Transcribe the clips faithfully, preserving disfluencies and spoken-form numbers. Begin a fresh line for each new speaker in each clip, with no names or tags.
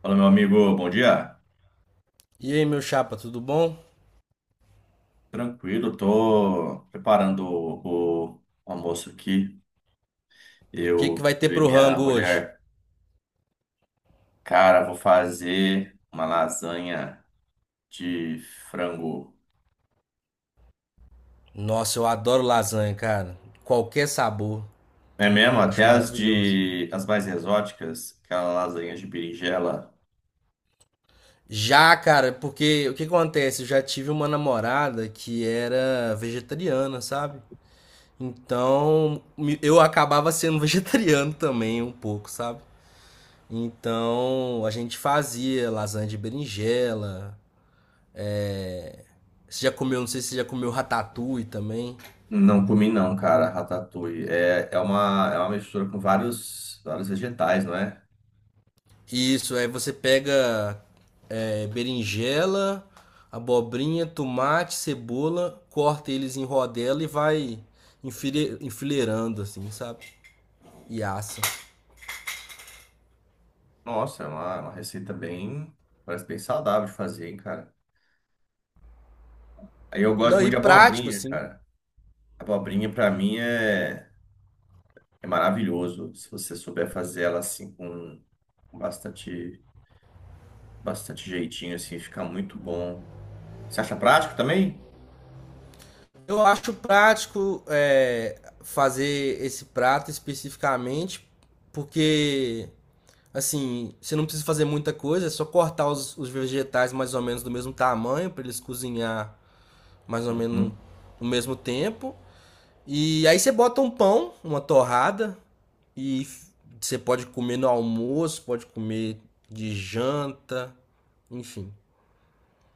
Fala, meu amigo, bom dia.
E aí, meu chapa, tudo bom? O
Tranquilo, tô preparando o, o almoço aqui.
que que
Eu,
vai ter
eu e
pro
minha
rango hoje?
mulher, cara, vou fazer uma lasanha de frango.
Nossa, eu adoro lasanha, cara. Qualquer sabor.
É mesmo, até
Acho
as
maravilhoso.
de as mais exóticas, aquela lasanha de berinjela,
Já, cara, porque o que acontece? Eu já tive uma namorada que era vegetariana, sabe? Então, me- eu acabava sendo vegetariano também um pouco, sabe? Então, a gente fazia lasanha de berinjela. Você já comeu, não sei se você já comeu ratatouille também.
não comi não, cara, ratatouille. É, é uma é uma mistura com vários vários vegetais, não é?
Isso, aí você pega é, berinjela, abobrinha, tomate, cebola, corta eles em rodela e vai enfile- enfileirando, assim, sabe? E assa.
Nossa, é uma, é uma receita bem parece bem saudável de fazer, hein, cara. Aí eu gosto
Não, e
muito de
prático,
abobrinha,
assim.
cara. Abobrinha para mim é, é maravilhoso. Se você souber fazer ela assim com bastante, bastante jeitinho, assim, fica muito bom. Você acha prático também?
Eu acho prático é, fazer esse prato especificamente, porque, assim, você não precisa fazer muita coisa, é só cortar os, os vegetais mais ou menos do mesmo tamanho, para eles cozinhar mais ou menos no,
Uhum.
no mesmo tempo. E aí você bota um pão, uma torrada, e você pode comer no almoço, pode comer de janta, enfim.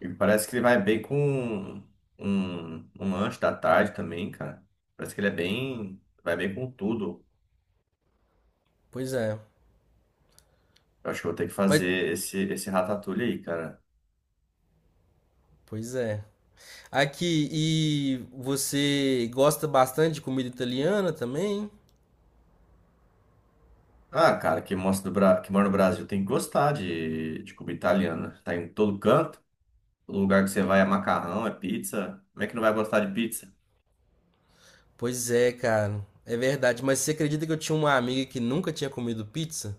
E parece que ele vai bem com um, um lanche da tarde também, cara. Parece que ele é bem, vai bem com tudo.
Pois é.
Eu acho que eu vou ter que
Mas,
fazer esse, esse ratatouille aí, cara.
pois é. Aqui, e você gosta bastante de comida italiana também?
Ah, cara, quem mostra do Bra... que mora no Brasil tem que gostar de, de comida italiana. Tá em todo canto. O lugar que você vai é macarrão, é pizza. Como é que não vai gostar de pizza?
Pois é, cara. É verdade. Mas você acredita que eu tinha uma amiga que nunca tinha comido pizza?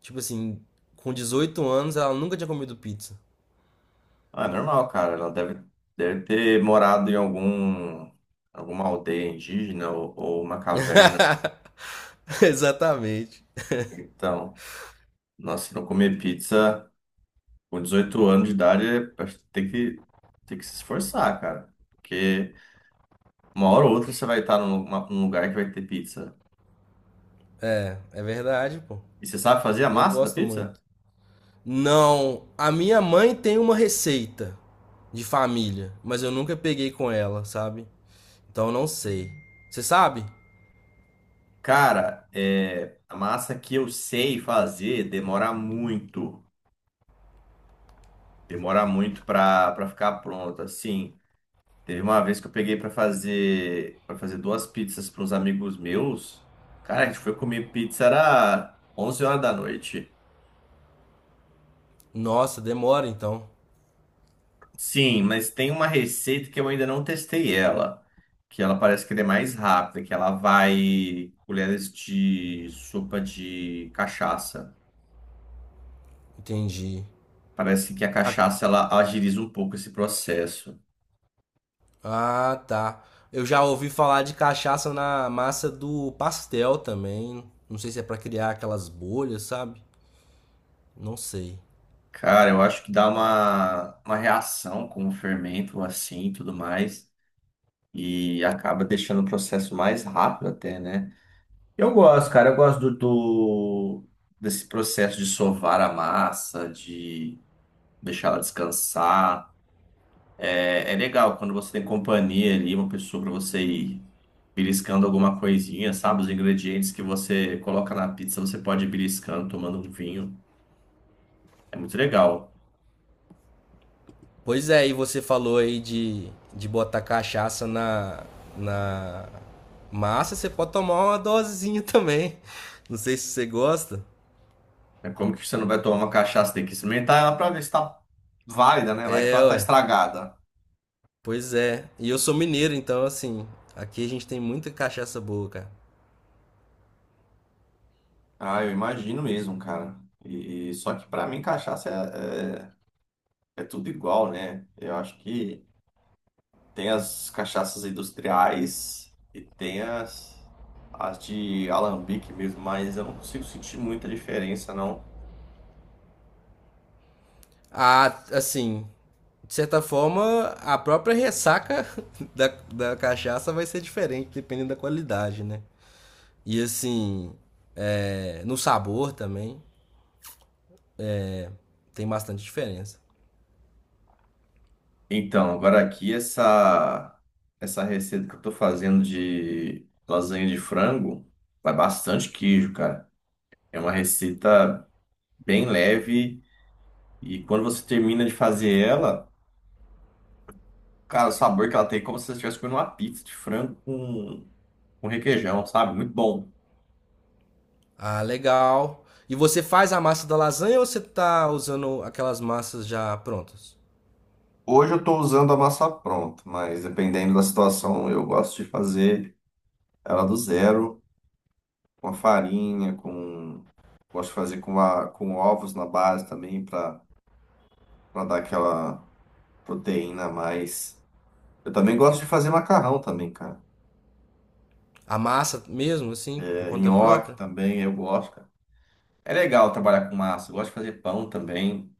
Tipo assim, com dezoito anos ela nunca tinha comido pizza.
Ah, é normal, cara. Ela deve, deve ter morado em algum, alguma aldeia indígena ou, ou uma caverna.
Exatamente.
Então, nossa, se não comer pizza com dezoito anos de idade, é- acho que tem que, tem que se esforçar, cara. Porque uma hora ou outra você vai estar num, uma- num lugar que vai ter pizza.
é É verdade, pô.
E você sabe fazer a
Eu
massa da
gosto
pizza?
muito. Não, a minha mãe tem uma receita de família, mas eu nunca peguei com ela, sabe? Então eu não sei. Você sabe?
Cara, é, a massa que eu sei fazer demora muito. Demora muito para para ficar pronta. Sim, teve uma vez que eu peguei para fazer para fazer duas pizzas para uns amigos meus. Cara, a gente foi comer pizza era onze horas da noite.
Nossa, demora então.
Sim, mas tem uma receita que eu ainda não testei ela, que ela parece que ela é mais rápida, que ela vai colheres de sopa de cachaça.
Entendi.
Parece que a
Ah,
cachaça ela agiliza um pouco esse processo.
ah, tá. Eu já ouvi falar de cachaça na massa do pastel também. Não sei se é pra criar aquelas bolhas, sabe? Não sei.
Cara, eu acho que dá uma, uma reação com o fermento assim e tudo mais. E acaba deixando o processo mais rápido até, né? Eu gosto, cara. Eu gosto do, do- desse processo de sovar a massa, de deixar ela descansar. É, é legal quando você tem companhia ali, uma pessoa para você ir beliscando alguma coisinha, sabe? Os ingredientes que você coloca na pizza, você pode ir beliscando, tomando um vinho. É muito legal.
Pois é, e você falou aí de, de botar cachaça na, na massa, você pode tomar uma dosezinha também. Não sei se você gosta.
É como que você não vai tomar uma cachaça, tem que experimentar ela pra ver se tá válida, né? Vai que
É,
ela tá
ué.
estragada.
Pois é. E eu sou mineiro, então, assim, aqui a gente tem muita cachaça boa, cara.
Ah, eu imagino mesmo, cara. E, e- só que pra mim cachaça é, é, é tudo igual, né? Eu acho que tem as cachaças industriais e tem as, as de alambique mesmo, mas eu não consigo sentir muita diferença, não.
Ah, assim, de certa forma, a própria ressaca da, da cachaça vai ser diferente, dependendo da qualidade, né? E, assim, é, no sabor também, tem bastante diferença.
Então, agora aqui essa essa receita que eu tô fazendo de lasanha de frango vai bastante queijo, cara. É uma receita bem leve e quando você termina de fazer ela, cara, o sabor que ela tem é como se você estivesse comendo uma pizza de frango com, com requeijão, sabe? Muito bom.
Ah, legal. E você faz a massa da lasanha ou você tá usando aquelas massas já prontas?
Hoje eu estou usando a massa pronta, mas dependendo da situação, eu gosto de fazer ela do zero, com a farinha, com... Gosto de fazer com, a, com ovos na base também para dar aquela proteína a mais. Eu também gosto de fazer macarrão também, cara.
A massa mesmo, assim, por
É,
conta
nhoque
própria?
também, eu gosto. É legal trabalhar com massa. Eu gosto de fazer pão também.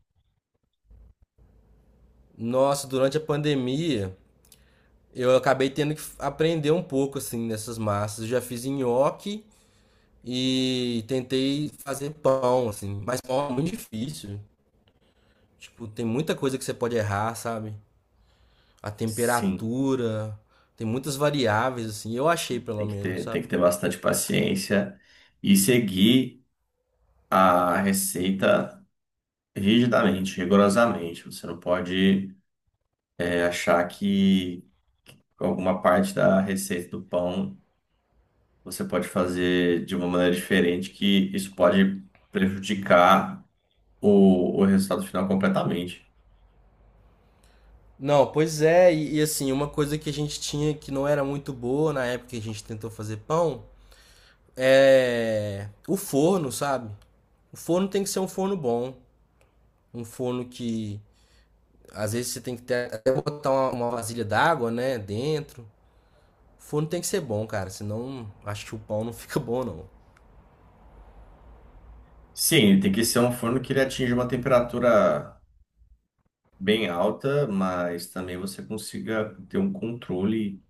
Nossa, durante a pandemia, eu acabei tendo que aprender um pouco, assim, nessas massas. Eu já fiz nhoque e tentei fazer pão, assim. Mas pão é muito difícil. Tipo, tem muita coisa que você pode errar, sabe? A
Sim,
temperatura, tem muitas variáveis, assim. Eu achei,
sim.
pelo
Tem que
menos,
ter, tem
sabe?
que ter bastante paciência e seguir a receita rigidamente, rigorosamente. Você não pode, é, achar que alguma parte da receita do pão você pode fazer de uma maneira diferente, que isso pode prejudicar o, o resultado final completamente.
Não, pois é, e, e assim, uma coisa que a gente tinha que não era muito boa na época que a gente tentou fazer pão é o forno, sabe? O forno tem que ser um forno bom, um forno que às vezes você tem que ter, até botar uma, uma vasilha d'água, né, dentro. O forno tem que ser bom, cara, senão acho que o pão não fica bom, não.
Sim, tem que ser um forno que ele atinja uma temperatura bem alta, mas também você consiga ter um controle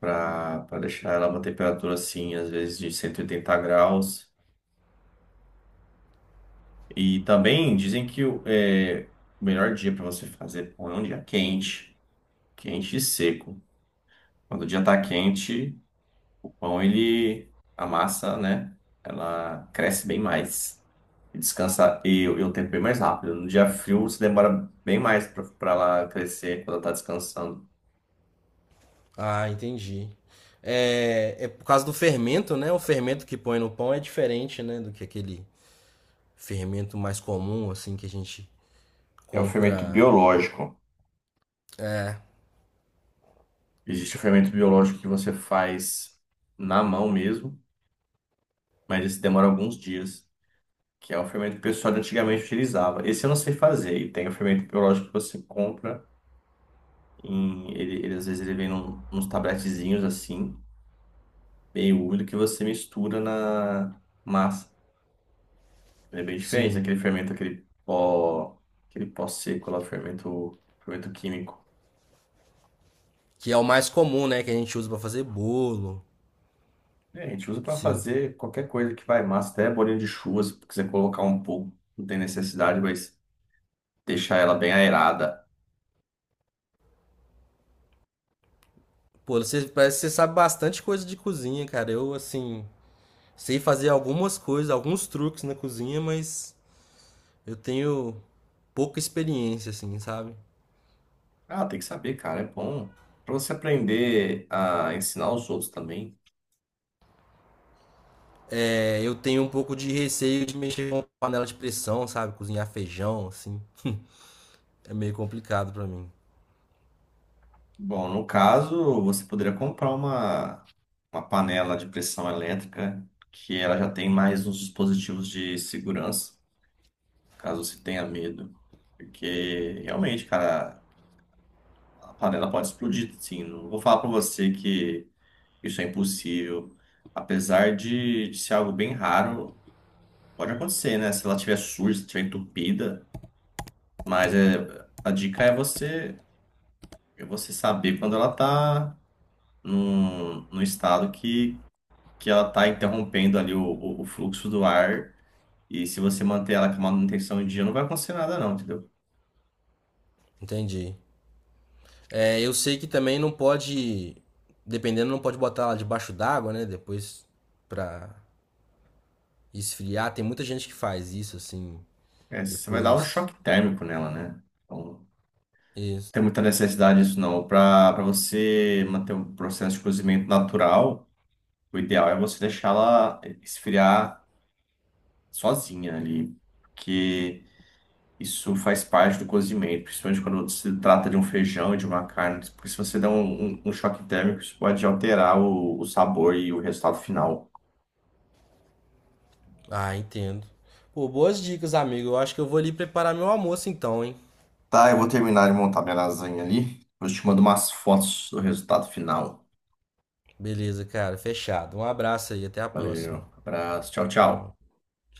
para para deixar ela uma temperatura assim, às vezes de cento e oitenta graus. E também dizem que o é, o melhor dia para você fazer pão é um dia quente, quente e seco. Quando o dia tá quente, o pão ele a massa, né? Ela cresce bem mais. E descansa e o e o tempo bem mais rápido. No dia frio, você demora bem mais para ela crescer quando ela está descansando.
Ah, entendi. É, é por causa do fermento, né? O fermento que põe no pão é diferente, né, do que aquele fermento mais comum, assim, que a gente
É um fermento
compra.
biológico. Existe o fermento biológico que você faz na mão mesmo, mas esse demora alguns dias, que é o fermento que o pessoal de antigamente utilizava. Esse eu não sei fazer. E tem o fermento biológico que você compra em, ele, ele às vezes ele vem num, uns tabletezinhos assim, meio úmido, que você mistura na massa. Ele é bem diferente
Sim.
daquele fermento, aquele pó, aquele pó seco lá, o fermento, fermento químico.
Que é o mais comum, né? Que a gente usa pra fazer bolo.
É, a gente usa para
Sim.
fazer qualquer coisa que vai massa, até bolinho de chuva, se quiser colocar um pouco, não tem necessidade, mas deixar ela bem aerada.
Pô, você parece que você sabe bastante coisa de cozinha, cara. Eu, assim, sei fazer algumas coisas, alguns truques na cozinha, mas eu tenho pouca experiência, assim, sabe?
Ah, tem que saber, cara, é bom para você aprender a ensinar os outros também.
É, eu tenho um pouco de receio de mexer com panela de pressão, sabe? Cozinhar feijão, assim. É meio complicado pra mim.
Bom, no caso, você poderia comprar uma, uma panela de pressão elétrica que ela já tem mais uns dispositivos de segurança, caso você tenha medo. Porque realmente, cara, a panela pode explodir, sim. Não vou falar para você que isso é impossível. Apesar de, de ser algo bem raro, pode acontecer, né? Se ela estiver suja, se estiver entupida. Mas é, a dica é você, é você saber quando ela está num, num estado que, que ela está interrompendo ali o, o, o fluxo do ar. E se você manter ela com manutenção em dia, não vai acontecer nada, não, entendeu?
Entendi. É, eu sei que também não pode, dependendo, não pode botar ela debaixo d'água, né? Depois pra esfriar. Tem muita gente que faz isso, assim.
É, você vai dar um
Depois.
choque térmico nela, né? Então, não
Isso.
tem muita necessidade disso, não. Para para você manter um processo de cozimento natural, o ideal é você deixá-la esfriar sozinha ali. Porque. Isso faz parte do cozimento, principalmente quando se trata de um feijão e de uma carne, porque se você der um, um- um choque térmico, isso pode alterar o, o sabor e o resultado final.
Ah, entendo. Pô, boas dicas, amigo. Eu acho que eu vou ali preparar meu almoço então, hein?
Tá, eu vou terminar de montar minha lasanha ali. Eu te mando umas fotos do resultado final.
Beleza, cara. Fechado. Um abraço aí. Até a próxima.
Valeu, abraço, tchau,
Falou.
tchau.